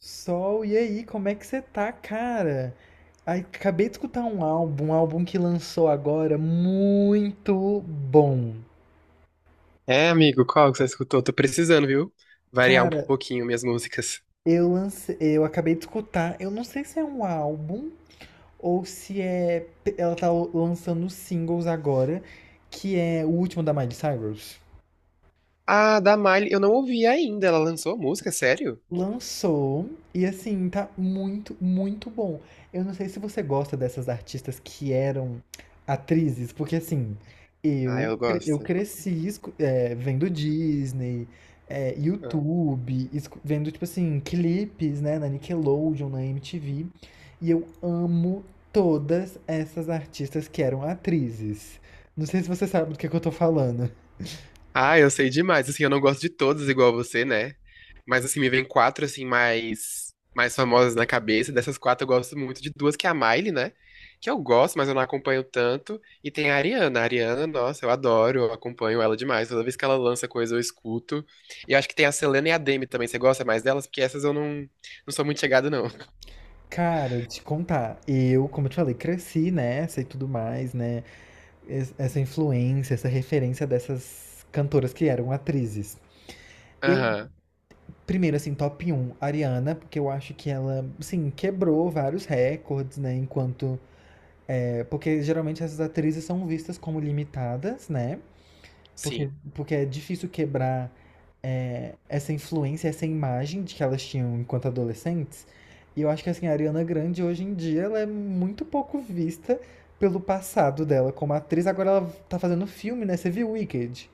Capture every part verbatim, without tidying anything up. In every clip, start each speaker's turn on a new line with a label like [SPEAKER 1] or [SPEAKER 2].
[SPEAKER 1] Sol, e aí, como é que você tá, cara? Ai, acabei de escutar um álbum, um álbum que lançou agora, muito bom.
[SPEAKER 2] É, amigo, qual que você escutou? Tô precisando, viu? Variar um
[SPEAKER 1] Cara,
[SPEAKER 2] pouquinho minhas músicas.
[SPEAKER 1] eu lancei, eu acabei de escutar, eu não sei se é um álbum ou se é, ela tá lançando singles agora, que é o último da Miley Cyrus.
[SPEAKER 2] Ah, da Miley, eu não ouvi ainda. Ela lançou a música, sério?
[SPEAKER 1] Lançou e assim, tá muito, muito bom. Eu não sei se você gosta dessas artistas que eram atrizes, porque assim,
[SPEAKER 2] Ah,
[SPEAKER 1] eu,
[SPEAKER 2] eu
[SPEAKER 1] cre- eu
[SPEAKER 2] gosto.
[SPEAKER 1] cresci escu- eh, vendo Disney, eh,
[SPEAKER 2] Ah,
[SPEAKER 1] YouTube, escu- vendo, tipo assim, clipes, né, na Nickelodeon, na M T V, e eu amo todas essas artistas que eram atrizes. Não sei se você sabe do que é que eu tô falando.
[SPEAKER 2] Ah, eu sei demais. Assim, eu não gosto de todas igual você, né? Mas assim, me vem quatro assim mais mais famosas na cabeça. Dessas quatro eu gosto muito de duas, que é a Miley, né? Que eu gosto, mas eu não acompanho tanto. E tem a Ariana. A Ariana, nossa, eu adoro, eu acompanho ela demais. Toda vez que ela lança coisa, eu escuto. E eu acho que tem a Selena e a Demi também. Você gosta mais delas? Porque essas eu não, não sou muito chegado, não.
[SPEAKER 1] Cara, te contar, eu, como eu te falei, cresci nessa e tudo mais, né? Essa influência, essa referência dessas cantoras que eram atrizes. Eu,
[SPEAKER 2] Aham,
[SPEAKER 1] primeiro, assim, top um, Ariana, porque eu acho que ela, assim, quebrou vários recordes, né? Enquanto. É, porque geralmente essas atrizes são vistas como limitadas, né? Porque,
[SPEAKER 2] sim.
[SPEAKER 1] porque é difícil quebrar é, essa influência, essa imagem de que elas tinham enquanto adolescentes. E eu acho que, assim, a Ariana Grande, hoje em dia, ela é muito pouco vista pelo passado dela como atriz. Agora ela tá fazendo filme, né? Você viu Wicked?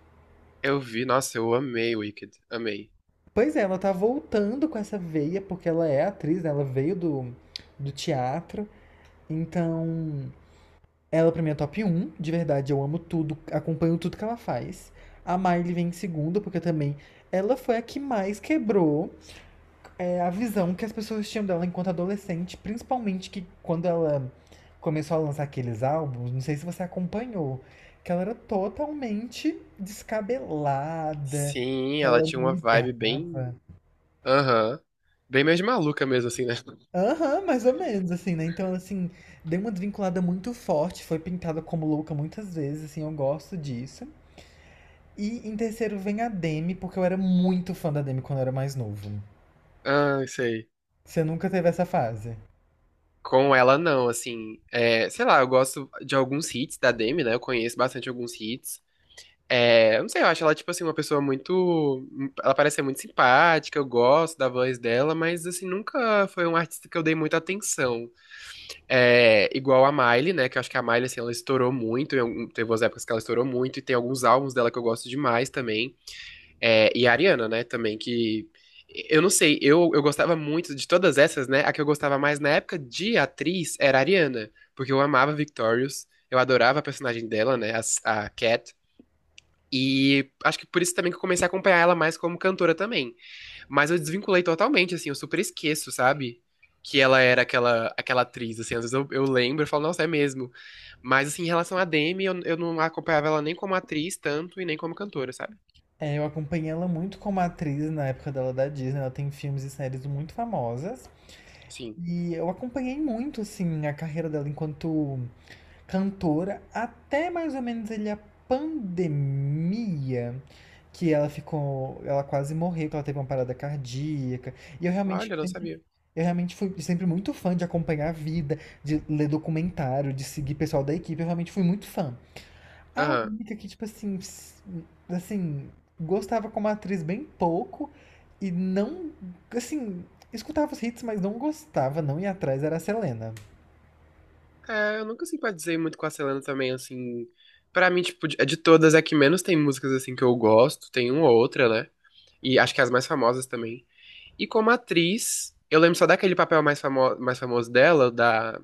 [SPEAKER 2] Eu vi, nossa, eu amei Wicked. Amei.
[SPEAKER 1] Pois é, ela tá voltando com essa veia, porque ela é atriz, né? Ela veio do, do teatro. Então, ela pra mim é top um. De verdade, eu amo tudo, acompanho tudo que ela faz. A Miley vem em segundo, porque também ela foi a que mais quebrou é, a visão que as pessoas tinham dela enquanto adolescente. Principalmente que quando ela começou a lançar aqueles álbuns, não sei se você acompanhou, que ela era totalmente descabelada,
[SPEAKER 2] Sim,
[SPEAKER 1] que ela
[SPEAKER 2] ela tinha
[SPEAKER 1] não
[SPEAKER 2] uma vibe bem.
[SPEAKER 1] ligava.
[SPEAKER 2] Aham. Bem mais maluca mesmo, assim, né?
[SPEAKER 1] Aham, mais ou menos, assim, né? Então, assim, deu uma desvinculada muito forte, foi pintada como louca muitas vezes, assim, eu gosto disso. E em terceiro vem a Demi, porque eu era muito fã da Demi quando eu era mais novo.
[SPEAKER 2] Ah, sei.
[SPEAKER 1] Você nunca teve essa fase?
[SPEAKER 2] Com ela, não, assim, é, sei lá, eu gosto de alguns hits da Demi, né? Eu conheço bastante alguns hits. É, eu não sei, eu acho ela, tipo assim, uma pessoa muito. Ela parece ser muito simpática, eu gosto da voz dela, mas, assim, nunca foi um artista que eu dei muita atenção. É, igual a Miley, né? Que eu acho que a Miley, assim, ela estourou muito, em algum- teve umas épocas que ela estourou muito, e tem alguns álbuns dela que eu gosto demais também. É, e a Ariana, né, também, que. Eu não sei, eu, eu gostava muito de todas essas, né? A que eu gostava mais na época de atriz era a Ariana, porque eu amava Victorious, eu adorava a personagem dela, né? A, a Cat. E acho que por isso também que eu comecei a acompanhar ela mais como cantora também. Mas eu desvinculei totalmente, assim, eu super esqueço, sabe? Que ela era aquela, aquela atriz, assim, às vezes eu, eu lembro e falo, nossa, é mesmo. Mas, assim, em relação à Demi, eu, eu não acompanhava ela nem como atriz tanto e nem como cantora, sabe?
[SPEAKER 1] É, eu acompanhei ela muito como atriz na época dela da Disney, ela tem filmes e séries muito famosas.
[SPEAKER 2] Sim.
[SPEAKER 1] E eu acompanhei muito, assim, a carreira dela enquanto cantora até mais ou menos ele a pandemia, que ela ficou, ela quase morreu, que ela teve uma parada cardíaca. E eu
[SPEAKER 2] Olha,
[SPEAKER 1] realmente
[SPEAKER 2] eu não
[SPEAKER 1] sempre,
[SPEAKER 2] sabia.
[SPEAKER 1] eu realmente fui sempre muito fã de acompanhar a vida, de ler documentário, de seguir pessoal da equipe, eu realmente fui muito fã. A
[SPEAKER 2] Aham.
[SPEAKER 1] única que tipo assim, s- assim, gostava como atriz bem pouco e não, assim, escutava os hits, mas não gostava, não ia atrás, era a Selena.
[SPEAKER 2] É, eu nunca simpatizei muito com a Selena também, assim. Pra mim, tipo, de de todas, é que menos tem músicas, assim, que eu gosto. Tem uma ou outra, né? E acho que as mais famosas também. E como atriz, eu lembro só daquele papel mais, famo mais famoso dela, da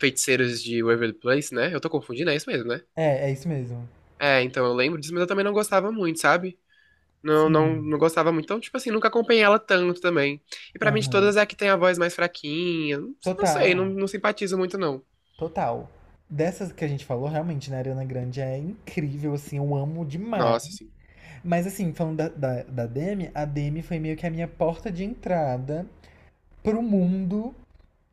[SPEAKER 2] Feiticeiras de Waverly Place, né? Eu tô confundindo, é isso mesmo, né?
[SPEAKER 1] É, é isso mesmo.
[SPEAKER 2] É, então eu lembro disso, mas eu também não gostava muito, sabe? Não, não,
[SPEAKER 1] Sim.
[SPEAKER 2] não gostava muito. Então, tipo assim, nunca acompanhei ela tanto também. E pra mim, de
[SPEAKER 1] Aham.
[SPEAKER 2] todas, é a que tem a voz mais fraquinha. Não não sei, não,
[SPEAKER 1] Total,
[SPEAKER 2] não simpatizo muito, não.
[SPEAKER 1] total. Dessas que a gente falou, realmente, né, a Ariana Grande é incrível, assim, eu amo demais.
[SPEAKER 2] Nossa, assim.
[SPEAKER 1] Mas assim, falando da, da, da Demi, a Demi foi meio que a minha porta de entrada pro mundo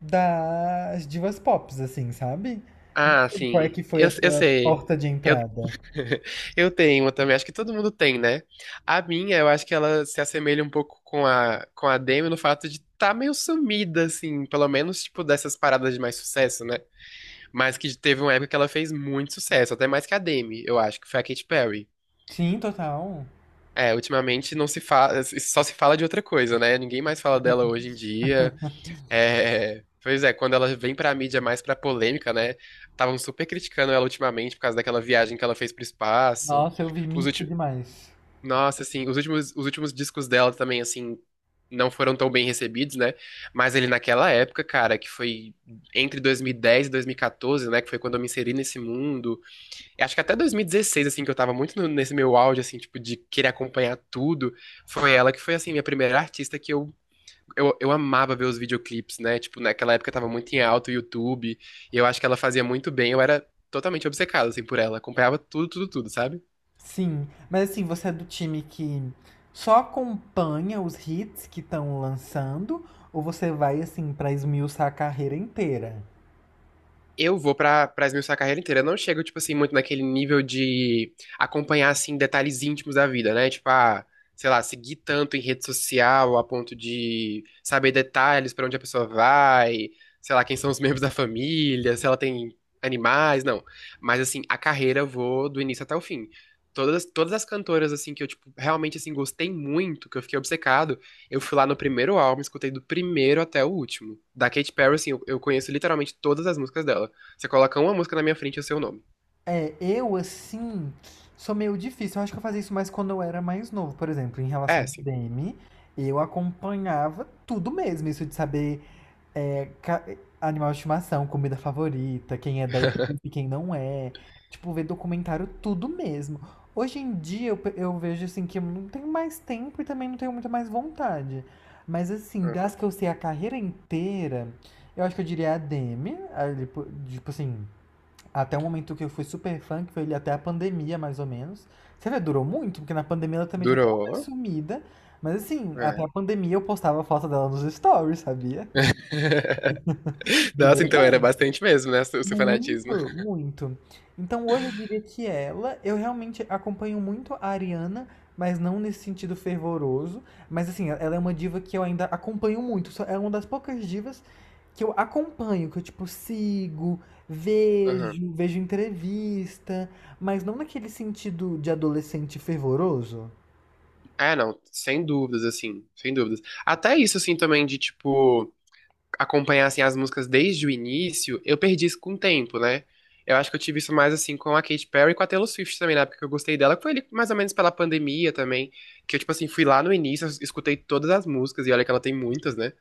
[SPEAKER 1] das divas pops, assim, sabe? Não
[SPEAKER 2] Ah,
[SPEAKER 1] sei qual é
[SPEAKER 2] sim.
[SPEAKER 1] que foi
[SPEAKER 2] Eu,
[SPEAKER 1] a
[SPEAKER 2] eu
[SPEAKER 1] sua
[SPEAKER 2] sei.
[SPEAKER 1] porta de
[SPEAKER 2] Eu,
[SPEAKER 1] entrada.
[SPEAKER 2] eu tenho uma também. Acho que todo mundo tem, né? A minha, eu acho que ela se assemelha um pouco com a, com a Demi no fato de tá meio sumida, assim. Pelo menos, tipo, dessas paradas de mais sucesso, né? Mas que teve uma época que ela fez muito sucesso. Até mais que a Demi, eu acho, que foi a Katy Perry.
[SPEAKER 1] Sim, total.
[SPEAKER 2] É, ultimamente não se fala, só se fala de outra coisa, né? Ninguém mais fala dela hoje em dia. É, pois é, quando ela vem pra mídia mais pra polêmica, né? Estavam super criticando ela ultimamente por causa daquela viagem que ela fez pro espaço.
[SPEAKER 1] Nossa, eu vi
[SPEAKER 2] Os
[SPEAKER 1] mico
[SPEAKER 2] últimos,
[SPEAKER 1] demais.
[SPEAKER 2] nossa, assim, os últimos, os últimos discos dela também, assim, não foram tão bem recebidos, né? Mas ele naquela época, cara, que foi entre dois mil e dez e dois mil e quatorze, né? Que foi quando eu me inseri nesse mundo. Eu acho que até dois mil e dezesseis, assim, que eu tava muito no- nesse meu auge, assim, tipo, de querer acompanhar tudo. Foi ela que foi, assim, minha primeira artista que eu eu, eu amava ver os videoclipes, né? Tipo, naquela época tava muito em alta o YouTube, e eu acho que ela fazia muito bem, eu era totalmente obcecado, assim, por ela, acompanhava tudo, tudo, tudo, sabe?
[SPEAKER 1] Sim, mas assim, você é do time que só acompanha os hits que estão lançando ou você vai assim pra esmiuçar a carreira inteira?
[SPEAKER 2] Eu vou pra, pra esmiuçar a carreira inteira. Eu não chego, tipo assim, muito naquele nível de acompanhar, assim, detalhes íntimos da vida, né? Tipo, ah, sei lá, seguir tanto em rede social a ponto de saber detalhes pra onde a pessoa vai, sei lá, quem são os membros da família, se ela tem animais, não. Mas, assim, a carreira eu vou do início até o fim. Todas, todas as cantoras, assim, que eu, tipo, realmente, assim, gostei muito, que eu fiquei obcecado, eu fui lá no primeiro álbum, escutei do primeiro até o último. Da Katy Perry, assim, eu, eu conheço literalmente todas as músicas dela. Você coloca uma música na minha frente e o seu nome.
[SPEAKER 1] É, eu assim sou meio difícil. Eu acho que eu fazia isso mais quando eu era mais novo, por exemplo, em
[SPEAKER 2] É
[SPEAKER 1] relação ao
[SPEAKER 2] assim.
[SPEAKER 1] Demi, eu acompanhava tudo mesmo, isso de saber. É, ca- animal de estimação, comida favorita, quem é da equipe, quem não é. Tipo, ver documentário, tudo mesmo. Hoje em dia eu, pe- eu vejo assim que eu não tenho mais tempo e também não tenho muito mais vontade. Mas assim, das que eu sei a carreira inteira, eu acho que eu diria a Demi, ali po- tipo assim, até o momento que eu fui super fã, que foi ali até a pandemia mais ou menos. Você vê, durou muito, porque na pandemia ela também já tava mais
[SPEAKER 2] Durou.
[SPEAKER 1] sumida. Mas assim, até a
[SPEAKER 2] É.
[SPEAKER 1] pandemia eu postava foto dela nos stories, sabia? De
[SPEAKER 2] Nossa, então era
[SPEAKER 1] verdade.
[SPEAKER 2] bastante mesmo, né? O seu fanatismo.
[SPEAKER 1] Muito, muito. Então hoje eu diria que ela, eu realmente acompanho muito a Ariana, mas não nesse sentido fervoroso. Mas assim, ela é uma diva que eu ainda acompanho muito. Só- É uma das poucas divas que eu acompanho, que eu tipo sigo,
[SPEAKER 2] Aham.
[SPEAKER 1] vejo, vejo entrevista, mas não naquele sentido de adolescente fervoroso.
[SPEAKER 2] É, não, sem dúvidas, assim, sem dúvidas. Até isso, assim, também de, tipo, acompanhar, assim, as músicas desde o início, eu perdi isso com o tempo, né? Eu acho que eu tive isso mais, assim, com a Katy Perry e com a Taylor Swift também, na época que eu gostei dela, que foi ali mais ou menos pela pandemia também, que eu, tipo assim, fui lá no início, escutei todas as músicas, e olha que ela tem muitas, né?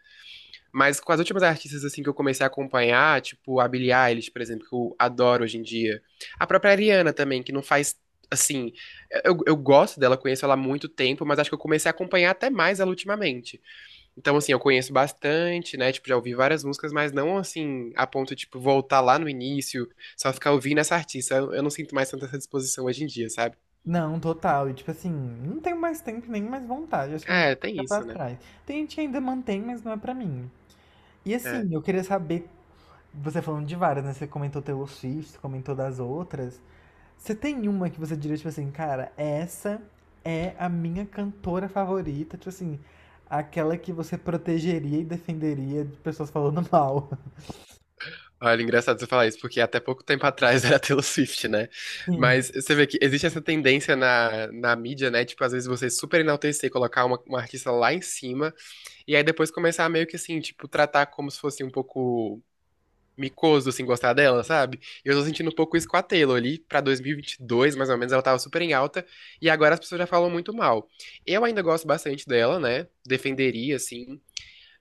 [SPEAKER 2] Mas com as últimas artistas assim que eu comecei a acompanhar, tipo a Billie Eilish, por exemplo, que eu adoro hoje em dia. A própria Ariana também, que não faz assim, eu, eu gosto dela, conheço ela há muito tempo, mas acho que eu comecei a acompanhar até mais ela ultimamente. Então assim, eu conheço bastante, né? Tipo, já ouvi várias músicas, mas não assim a ponto de tipo voltar lá no início, só ficar ouvindo essa artista. Eu, eu não sinto mais tanta essa disposição hoje em dia, sabe?
[SPEAKER 1] Não, total. E tipo assim, não tenho mais tempo nem mais vontade. Acho que eu vou
[SPEAKER 2] É, tem
[SPEAKER 1] ficar pra
[SPEAKER 2] isso, né?
[SPEAKER 1] trás. Tem gente que ainda mantém, mas não é pra mim. E
[SPEAKER 2] É.
[SPEAKER 1] assim, eu queria saber, você falando de várias, né? Você comentou Taylor Swift, comentou das outras. Você tem uma que você diria, tipo assim, cara, essa é a minha cantora favorita, tipo assim, aquela que você protegeria e defenderia de pessoas falando mal.
[SPEAKER 2] Olha, engraçado você falar isso, porque até pouco tempo atrás era Taylor Swift, né?
[SPEAKER 1] Sim.
[SPEAKER 2] Mas você vê que existe essa tendência na, na mídia, né? Tipo, às vezes você super enaltecer, colocar uma, uma artista lá em cima, e aí depois começar meio que assim, tipo, tratar como se fosse um pouco micoso, assim, gostar dela, sabe? Eu tô sentindo um pouco isso com a Taylor ali, pra dois mil e vinte e dois, mais ou menos, ela tava super em alta, e agora as pessoas já falam muito mal. Eu ainda gosto bastante dela, né? Defenderia, assim,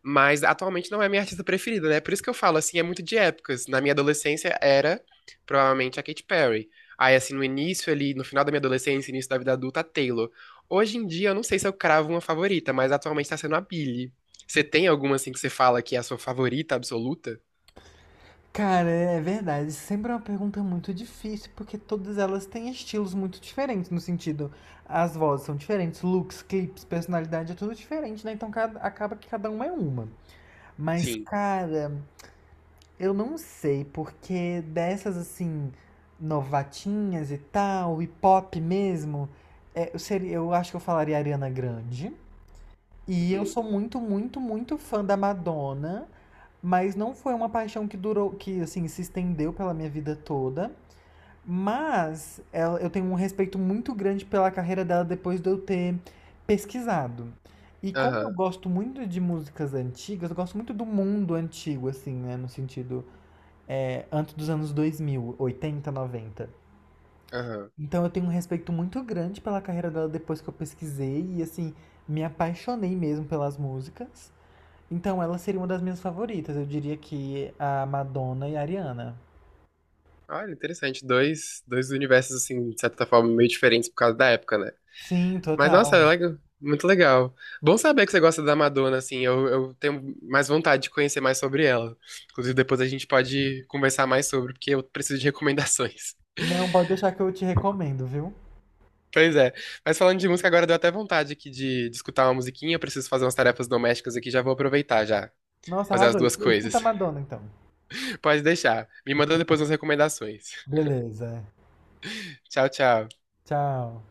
[SPEAKER 2] mas atualmente não é a minha artista preferida, né? Por isso que eu falo, assim, é muito de épocas. Na minha adolescência era provavelmente a Katy Perry. Aí, assim, no início ali, no final da minha adolescência, início da vida adulta, a Taylor. Hoje em dia, eu não sei se eu cravo uma favorita, mas atualmente tá sendo a Billie. Você tem alguma, assim, que você fala que é a sua favorita absoluta?
[SPEAKER 1] Cara, é verdade. Sempre é uma pergunta muito difícil, porque todas elas têm estilos muito diferentes, no sentido, as vozes são diferentes, looks, clipes, personalidade, é tudo diferente, né? Então cada- acaba que cada uma é uma. Mas,
[SPEAKER 2] Sim.
[SPEAKER 1] cara, eu não sei, porque dessas assim, novatinhas e tal, e pop mesmo, é, eu, seria, eu acho que eu falaria Ariana Grande. E eu
[SPEAKER 2] Uhum.
[SPEAKER 1] sou muito, muito, muito fã da Madonna, mas não foi uma paixão que durou, que assim, se estendeu pela minha vida toda. Mas ela- eu tenho um respeito muito grande pela carreira dela depois de eu ter pesquisado. E como eu
[SPEAKER 2] Aham,
[SPEAKER 1] gosto muito de músicas antigas, eu gosto muito do mundo antigo, assim, né? No sentido é, antes dos anos dois mil oitenta noventa.
[SPEAKER 2] aham.
[SPEAKER 1] Então eu tenho um respeito muito grande pela carreira dela depois que eu pesquisei e assim, me apaixonei mesmo pelas músicas. Então ela seria uma das minhas favoritas, eu diria que a Madonna e a Ariana.
[SPEAKER 2] Olha, interessante. Dois, dois universos, assim, de certa forma, meio diferentes por causa da época, né?
[SPEAKER 1] Sim,
[SPEAKER 2] Mas, nossa, é
[SPEAKER 1] total.
[SPEAKER 2] legal. Muito legal. Bom saber que você gosta da Madonna, assim. Eu, eu tenho mais vontade de conhecer mais sobre ela. Inclusive, depois a gente pode conversar mais sobre, porque eu preciso de recomendações.
[SPEAKER 1] Não, pode deixar que eu te recomendo, viu?
[SPEAKER 2] Pois é. Mas falando de música, agora deu até vontade aqui de, de escutar uma musiquinha. Eu preciso fazer umas tarefas domésticas aqui, já vou aproveitar já.
[SPEAKER 1] Nossa,
[SPEAKER 2] Fazer as
[SPEAKER 1] arrasou.
[SPEAKER 2] duas
[SPEAKER 1] Escu- Escuta a
[SPEAKER 2] coisas.
[SPEAKER 1] Madonna então.
[SPEAKER 2] Pode deixar. Me manda depois umas recomendações.
[SPEAKER 1] Beleza.
[SPEAKER 2] Tchau, tchau.
[SPEAKER 1] Tchau.